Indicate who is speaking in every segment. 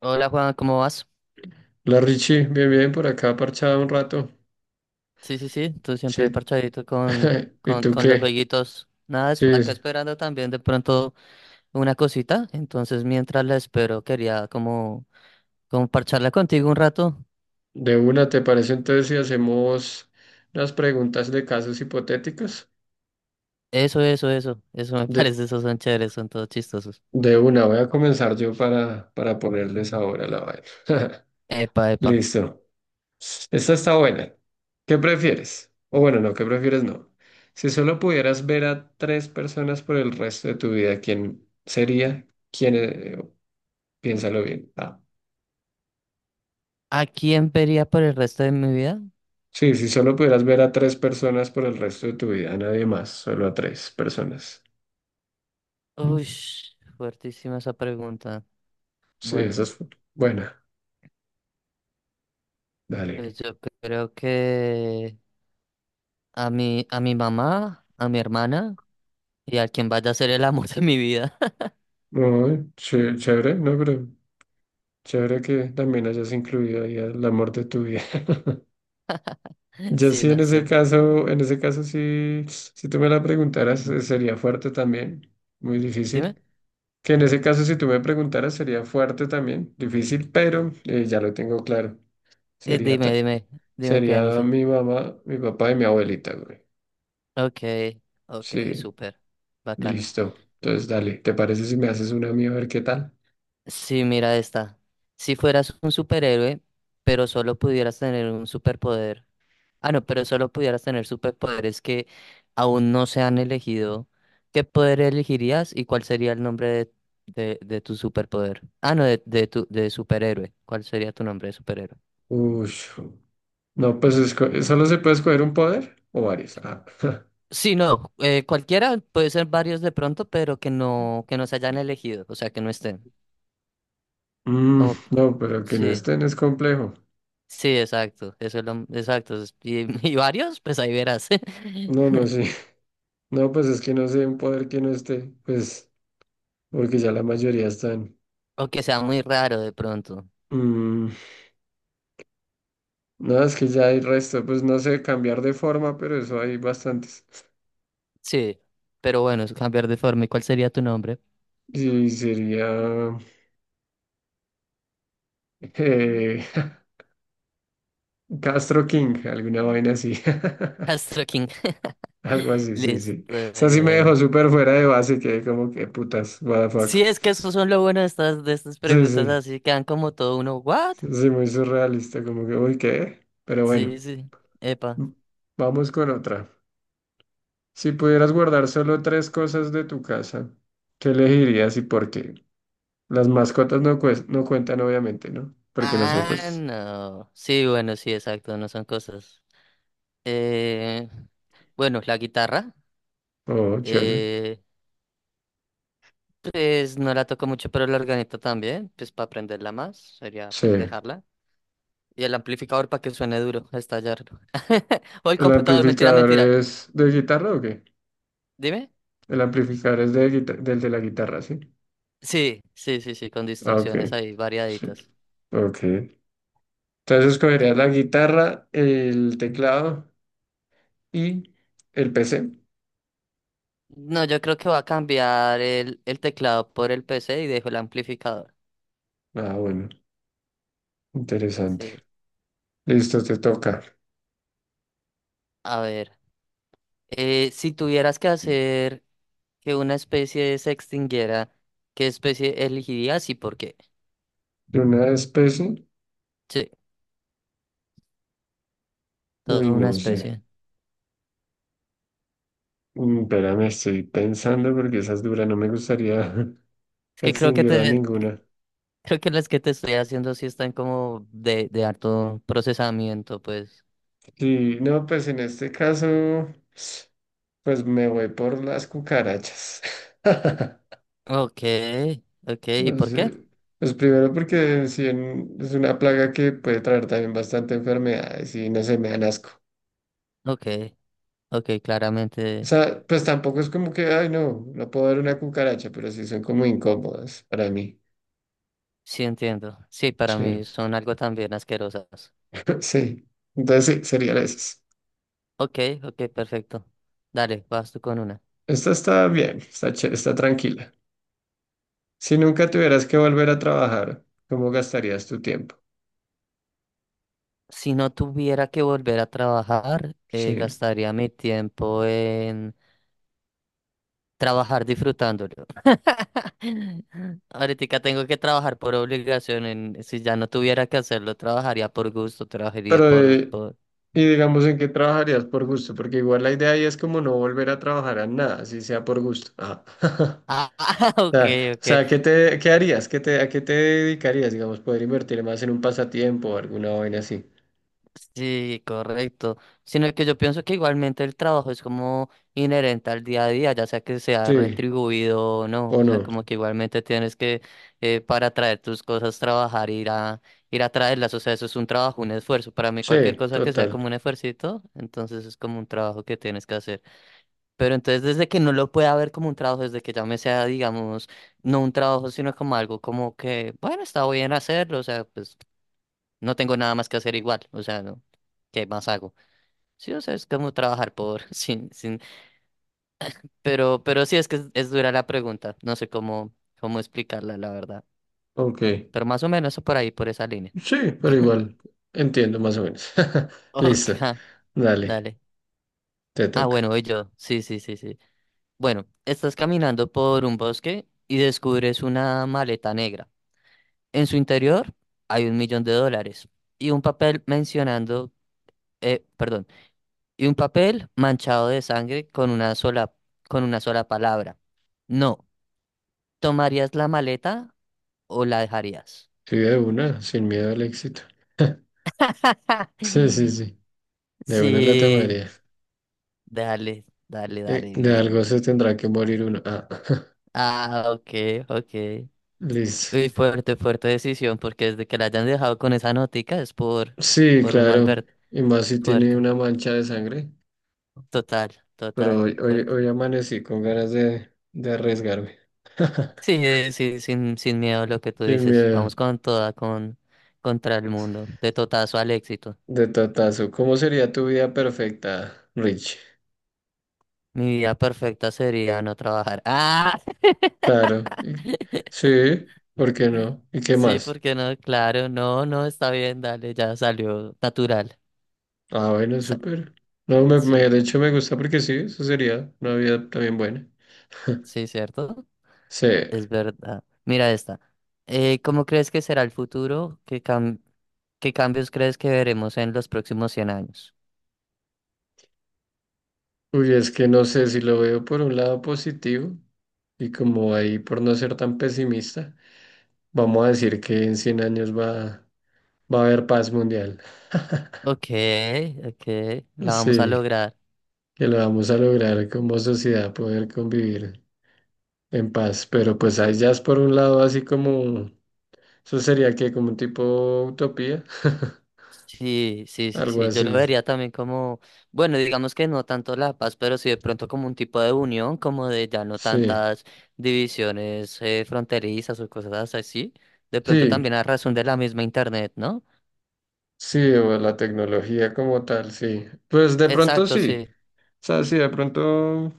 Speaker 1: Hola Juan, ¿cómo vas?
Speaker 2: La Richie, bien, bien, por acá parchada un rato.
Speaker 1: Sí, sí, sí, tú
Speaker 2: Sí.
Speaker 1: siempre parchadito con,
Speaker 2: ¿Y
Speaker 1: con,
Speaker 2: tú
Speaker 1: con los
Speaker 2: qué?
Speaker 1: jueguitos. Nada,
Speaker 2: Sí,
Speaker 1: acá
Speaker 2: sí.
Speaker 1: esperando también de pronto una cosita. Entonces, mientras la espero, quería como parcharla contigo un rato.
Speaker 2: De una. ¿Te parece entonces si hacemos unas preguntas de casos hipotéticos?
Speaker 1: Eso, eso, eso. Eso me
Speaker 2: De,
Speaker 1: parece, esos son chéveres, son todos chistosos.
Speaker 2: de una, voy a comenzar yo para ponerles ahora la vaina.
Speaker 1: Epa, epa.
Speaker 2: Listo. Esta está buena. ¿Qué prefieres? O bueno, no, ¿qué prefieres? No. Si solo pudieras ver a tres personas por el resto de tu vida, ¿quién sería? ¿Quién? Piénsalo bien. Ah.
Speaker 1: ¿A quién vería por el resto de mi vida?
Speaker 2: Sí, si solo pudieras ver a tres personas por el resto de tu vida, a nadie más, solo a tres personas.
Speaker 1: Uy, fuertísima esa pregunta.
Speaker 2: Sí, esa
Speaker 1: Bueno,
Speaker 2: es buena. Dale.
Speaker 1: pues yo creo que a mi mamá, a mi hermana. Y a quien vaya a ser el amor de mi vida.
Speaker 2: Muy chévere, no, pero chévere que también hayas incluido ahí el amor de tu vida. Yo
Speaker 1: Sí,
Speaker 2: sí,
Speaker 1: no sé.
Speaker 2: en ese caso sí, si tú me la preguntaras, sería fuerte también, muy
Speaker 1: Dime,
Speaker 2: difícil. Que en ese caso, si tú me preguntaras, sería fuerte también, difícil, pero ya lo tengo claro.
Speaker 1: eh,
Speaker 2: Sería,
Speaker 1: dime,
Speaker 2: ta-
Speaker 1: dime, dime qué en
Speaker 2: Sería
Speaker 1: ese.
Speaker 2: mi mamá, mi papá y mi abuelita, güey.
Speaker 1: Ok, ok,
Speaker 2: Sí,
Speaker 1: súper. Bacano.
Speaker 2: listo. Entonces, dale, ¿te parece si me haces una a mí a ver qué tal?
Speaker 1: Sí, mira esta. Si fueras un superhéroe, pero solo pudieras tener un superpoder. Ah, no, pero solo pudieras tener superpoderes que aún no se han elegido. ¿Qué poder elegirías y cuál sería el nombre de tu superpoder? Ah, no, de tu de superhéroe. ¿Cuál sería tu nombre de superhéroe?
Speaker 2: Uy, no, pues solo se puede escoger un poder o varios. Ah.
Speaker 1: Sí, no, cualquiera, puede ser varios de pronto, pero que no se hayan elegido, o sea, que no estén.
Speaker 2: Mm,
Speaker 1: Como,
Speaker 2: no, pero que no
Speaker 1: sí,
Speaker 2: estén es complejo.
Speaker 1: sí, exacto, eso es lo, exacto. Y, y varios, pues ahí verás.
Speaker 2: No, no, sí. No, pues es que no sé un poder que no esté, pues porque ya la mayoría están.
Speaker 1: O que sea muy raro de pronto.
Speaker 2: Mm, No, es que ya hay resto, pues no sé, cambiar de forma, pero eso hay bastantes.
Speaker 1: Sí, pero bueno, es cambiar de forma. ¿Y cuál sería tu nombre?
Speaker 2: Y sería eh, Castro King, alguna vaina así.
Speaker 1: Astro King.
Speaker 2: Algo así, sí, sí. O
Speaker 1: Listo.
Speaker 2: sea, sí me dejó
Speaker 1: eh.
Speaker 2: súper fuera de base, que como que putas, what the fuck.
Speaker 1: Sí, es que eso son lo bueno de de estas
Speaker 2: Sí, sí,
Speaker 1: preguntas, así quedan como todo uno, ¿what?
Speaker 2: sí, muy surrealista, como que, uy, ¿qué? Pero bueno,
Speaker 1: Sí, sí, epa.
Speaker 2: m- vamos con otra. Si pudieras guardar solo tres cosas de tu casa, ¿qué elegirías y por qué? Las mascotas no, no cuentan, obviamente, ¿no? Porque no son
Speaker 1: Ah,
Speaker 2: cosas.
Speaker 1: no. Sí, bueno, sí, exacto, no son cosas. Eh, bueno, la guitarra,
Speaker 2: Oh, chévere.
Speaker 1: eh, pues no la toco mucho, pero la organeta también, pues para aprenderla más, sería
Speaker 2: Sí.
Speaker 1: pues dejarla. Y el amplificador para que suene duro, estallarlo. O el
Speaker 2: ¿El
Speaker 1: computador, mentira,
Speaker 2: amplificador
Speaker 1: mentira.
Speaker 2: es de guitarra o qué?
Speaker 1: Dime.
Speaker 2: El amplificador es de del de la guitarra, ¿sí?
Speaker 1: Sí, sí, sí, sí, con
Speaker 2: Ah, ok.
Speaker 1: distorsiones ahí
Speaker 2: Sí.
Speaker 1: variaditas.
Speaker 2: Ok. Entonces escogerías la guitarra, el teclado y el PC.
Speaker 1: No, yo creo que voy a cambiar el teclado por el PC y dejo el amplificador.
Speaker 2: Ah, bueno. Interesante.
Speaker 1: Sí.
Speaker 2: Listo, te toca.
Speaker 1: A ver, si tuvieras que hacer que una especie se extinguiera, ¿qué especie elegirías y por qué?
Speaker 2: ¿De una especie?
Speaker 1: Sí,
Speaker 2: Uy,
Speaker 1: toda una
Speaker 2: no sé.
Speaker 1: especie.
Speaker 2: Espérame, estoy pensando porque esas duras no me gustaría
Speaker 1: Es que creo que
Speaker 2: extinguir a ninguna.
Speaker 1: creo que las que te estoy haciendo sí están como de harto procesamiento, pues.
Speaker 2: Sí, no, pues en este caso. Pues me voy por las cucarachas.
Speaker 1: Ok, ok, ¿y
Speaker 2: Pues,
Speaker 1: por qué?
Speaker 2: pues primero porque si en- es una plaga que puede traer también bastante enfermedades y no se me dan asco.
Speaker 1: Ok, ok,
Speaker 2: O
Speaker 1: claramente
Speaker 2: sea, pues tampoco es como que, ay, no, no puedo ver una cucaracha, pero sí son como incómodas para mí.
Speaker 1: sí entiendo. Sí, para
Speaker 2: Sí.
Speaker 1: mí son algo también asquerosas.
Speaker 2: Sí. Entonces sí, sería la esas.
Speaker 1: Ok, ok, perfecto. Dale, vas tú con una.
Speaker 2: Esta está bien, está chévere, está tranquila. Si nunca tuvieras que volver a trabajar, ¿cómo gastarías tu tiempo?
Speaker 1: Si no tuviera que volver a trabajar,
Speaker 2: Sí.
Speaker 1: gastaría mi tiempo. Trabajar disfrutándolo. Ahorita tengo que trabajar por obligación. Si ya no tuviera que hacerlo, trabajaría por gusto,
Speaker 2: Pero, y digamos, ¿en qué trabajarías por gusto? Porque igual la idea ahí es como no volver a trabajar a nada, si sea por gusto. Ajá.
Speaker 1: Ah, ok,
Speaker 2: O
Speaker 1: ok.
Speaker 2: sea, ¿qué te, qué harías? ¿Qué te, a qué te dedicarías? Digamos, poder invertir más en un pasatiempo o alguna vaina así.
Speaker 1: Sí, correcto. Sino que yo pienso que igualmente el trabajo es como inherente al día a día, ya sea que sea
Speaker 2: Sí,
Speaker 1: retribuido o no.
Speaker 2: o
Speaker 1: O sea,
Speaker 2: no.
Speaker 1: como que igualmente para traer tus cosas, trabajar, ir a traerlas. O sea, eso es un trabajo, un esfuerzo. Para mí, cualquier
Speaker 2: Sí,
Speaker 1: cosa que sea como
Speaker 2: total.
Speaker 1: un esfuercito, entonces es como un trabajo que tienes que hacer. Pero entonces desde que no lo pueda ver como un trabajo, desde que ya me sea, digamos, no un trabajo, sino como algo como que, bueno, está bien hacerlo, o sea, pues no tengo nada más que hacer igual, o sea, no, ¿qué más hago? Sí, o sea, es como trabajar por, sin, sin, pero sí es que es dura la pregunta, no sé cómo explicarla, la verdad.
Speaker 2: Ok.
Speaker 1: Pero más o menos por ahí, por esa línea.
Speaker 2: Sí, pero igual entiendo más o menos.
Speaker 1: Ok,
Speaker 2: Listo. Dale,
Speaker 1: dale.
Speaker 2: te
Speaker 1: Ah,
Speaker 2: toca.
Speaker 1: bueno, voy yo. Sí, sí, sí, sí. Bueno, estás caminando por un bosque y descubres una maleta negra. En su interior hay un millón de dólares y un papel eh, perdón, y un papel manchado de sangre con con una sola palabra. No, ¿tomarías la maleta o la dejarías?
Speaker 2: Sí, de una, sin miedo al éxito. Sí, sí, sí. De una la
Speaker 1: Sí,
Speaker 2: tomaría.
Speaker 1: dale, dale,
Speaker 2: De,
Speaker 1: dale,
Speaker 2: de
Speaker 1: bien.
Speaker 2: algo se tendrá que morir uno. Ah.
Speaker 1: Ah, ok, ok.
Speaker 2: Listo.
Speaker 1: Uy, fuerte, fuerte decisión, porque desde que la hayan dejado con esa notica
Speaker 2: Sí,
Speaker 1: por una
Speaker 2: claro.
Speaker 1: advert
Speaker 2: Y más si tiene
Speaker 1: fuerte.
Speaker 2: una mancha de sangre.
Speaker 1: Total,
Speaker 2: Pero
Speaker 1: total,
Speaker 2: hoy, hoy,
Speaker 1: fuerte.
Speaker 2: hoy amanecí con ganas de arriesgarme.
Speaker 1: Sí, sí, sin miedo a lo que tú
Speaker 2: Sin
Speaker 1: dices.
Speaker 2: miedo.
Speaker 1: Vamos con toda, contra el mundo, de totazo al éxito.
Speaker 2: De totazo. ¿Cómo sería tu vida perfecta, Rich?
Speaker 1: Mi vida perfecta sería no trabajar. Ah,
Speaker 2: Claro. Sí, ¿por qué no? ¿Y qué
Speaker 1: sí,
Speaker 2: más?
Speaker 1: porque no? Claro, no, no, está bien, dale, ya salió natural.
Speaker 2: Ah, bueno,
Speaker 1: Sa-
Speaker 2: súper. No,
Speaker 1: sí,
Speaker 2: de hecho me gusta porque sí, eso sería una vida también buena.
Speaker 1: sí, ¿cierto?
Speaker 2: Sí.
Speaker 1: Es verdad. Mira esta. ¿Cómo crees que será el futuro? ¿Qué cambios crees que veremos en los próximos 100 años?
Speaker 2: Uy, es que no sé si lo veo por un lado positivo y como ahí por no ser tan pesimista. Vamos a decir que en 100 años va a haber paz mundial.
Speaker 1: Ok, ok, la vamos a
Speaker 2: Sí,
Speaker 1: lograr.
Speaker 2: que lo vamos a lograr como sociedad poder convivir en paz. Pero pues ahí ya es por un lado así como, eso sería que como un tipo utopía,
Speaker 1: Sí, sí, sí,
Speaker 2: algo
Speaker 1: sí. Yo lo
Speaker 2: así.
Speaker 1: vería también como, bueno, digamos que no tanto la paz, pero sí de pronto como un tipo de unión, como de ya no
Speaker 2: Sí,
Speaker 1: tantas divisiones fronterizas o cosas así. De pronto también
Speaker 2: sí,
Speaker 1: a razón de la misma internet, ¿no?
Speaker 2: sí, o la tecnología como tal, sí. Pues de pronto
Speaker 1: Exacto,
Speaker 2: sí.
Speaker 1: sí.
Speaker 2: O sea, sí, de pronto,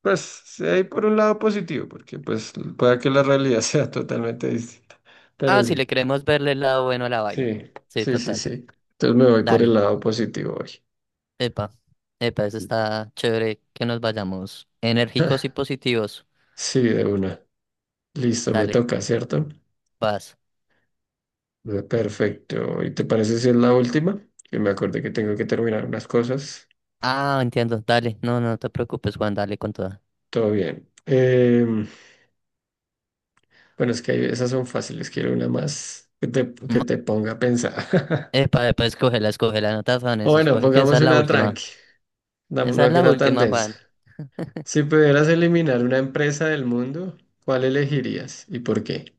Speaker 2: pues sí hay por un lado positivo, porque pues pueda que la realidad sea totalmente distinta. Pero
Speaker 1: Ah, si
Speaker 2: sí.
Speaker 1: le queremos verle el lado bueno a la vaina.
Speaker 2: Sí,
Speaker 1: Sí,
Speaker 2: sí, sí,
Speaker 1: total.
Speaker 2: sí. Entonces me voy por el
Speaker 1: Dale.
Speaker 2: lado positivo hoy.
Speaker 1: Epa. Epa, eso está chévere que nos vayamos enérgicos y positivos.
Speaker 2: Sí, de una. Listo, me
Speaker 1: Dale,
Speaker 2: toca, ¿cierto?
Speaker 1: paz.
Speaker 2: Perfecto. ¿Y te parece si es la última? Que me acordé que tengo que terminar unas cosas.
Speaker 1: Ah, entiendo. Dale. No, no te preocupes, Juan. Dale con toda.
Speaker 2: Todo bien. Bueno, es que esas son fáciles. Quiero una más que te ponga a pensar.
Speaker 1: Epa, epa, escógela, escógela, no te
Speaker 2: O
Speaker 1: afanes,
Speaker 2: bueno,
Speaker 1: escoge que esa
Speaker 2: pongamos
Speaker 1: es la
Speaker 2: una
Speaker 1: última.
Speaker 2: tranqui. Una
Speaker 1: Esa es
Speaker 2: una que
Speaker 1: la
Speaker 2: no tan
Speaker 1: última,
Speaker 2: densa.
Speaker 1: Juan.
Speaker 2: Si pudieras eliminar una empresa del mundo, ¿cuál elegirías y por qué?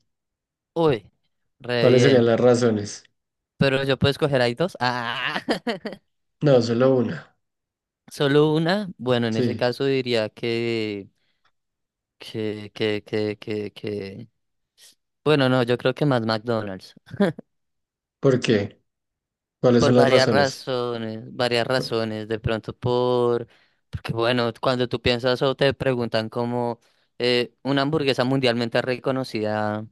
Speaker 1: Uy, re
Speaker 2: ¿Cuáles serían
Speaker 1: bien.
Speaker 2: las razones?
Speaker 1: Pero yo puedo escoger ahí dos. Ah,
Speaker 2: No, solo una.
Speaker 1: solo una. Bueno, en ese
Speaker 2: Sí.
Speaker 1: caso diría que, que. Bueno, no, yo creo que más McDonald's.
Speaker 2: ¿Por qué? ¿Cuáles son
Speaker 1: Por
Speaker 2: las
Speaker 1: varias
Speaker 2: razones?
Speaker 1: razones, varias razones. Porque bueno, cuando tú piensas o te preguntan como una hamburguesa mundialmente reconocida.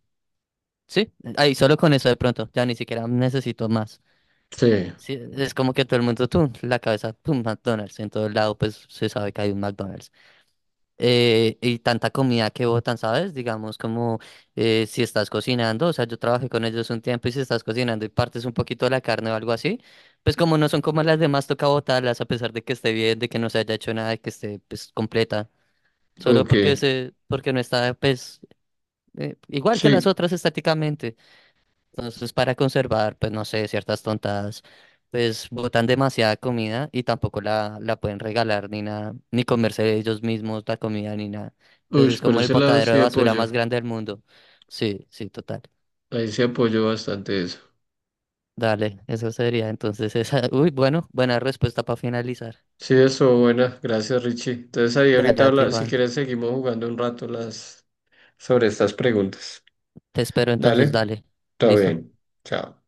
Speaker 1: Sí, ahí solo con eso de pronto, ya ni siquiera necesito más.
Speaker 2: Sí,
Speaker 1: Sí, es como que todo el mundo, tú, la cabeza, tú, McDonald's, en todo lado pues se sabe que hay un McDonald's. Y tanta comida que botan, ¿sabes? Digamos como si estás cocinando, o sea, yo trabajé con ellos un tiempo y si estás cocinando y partes un poquito de la carne o algo así, pues como no son como las demás, toca botarlas a pesar de que esté bien, de que no se haya hecho nada, de que esté pues completa,
Speaker 2: ok.
Speaker 1: porque no está pues igual que las
Speaker 2: Sí,
Speaker 1: otras estáticamente. Entonces, para conservar, pues no sé, ciertas tontadas, pues botan demasiada comida y tampoco la pueden regalar ni nada, ni comerse ellos mismos la comida ni nada. Entonces,
Speaker 2: uy,
Speaker 1: es
Speaker 2: por
Speaker 1: como el
Speaker 2: ese lado
Speaker 1: botadero de
Speaker 2: sí
Speaker 1: basura
Speaker 2: apoyo.
Speaker 1: más grande del mundo. Sí, sí, total.
Speaker 2: Ahí sí apoyo bastante eso.
Speaker 1: Dale, eso sería entonces esa. Uy, bueno, buena respuesta para finalizar.
Speaker 2: Sí, eso, buena. Gracias, Richie. Entonces ahí
Speaker 1: Dale
Speaker 2: ahorita
Speaker 1: a ti,
Speaker 2: habla, si
Speaker 1: Juan.
Speaker 2: quieres seguimos jugando un rato las sobre estas preguntas.
Speaker 1: Te espero entonces,
Speaker 2: Dale,
Speaker 1: dale.
Speaker 2: todo
Speaker 1: Listo.
Speaker 2: bien. Chao.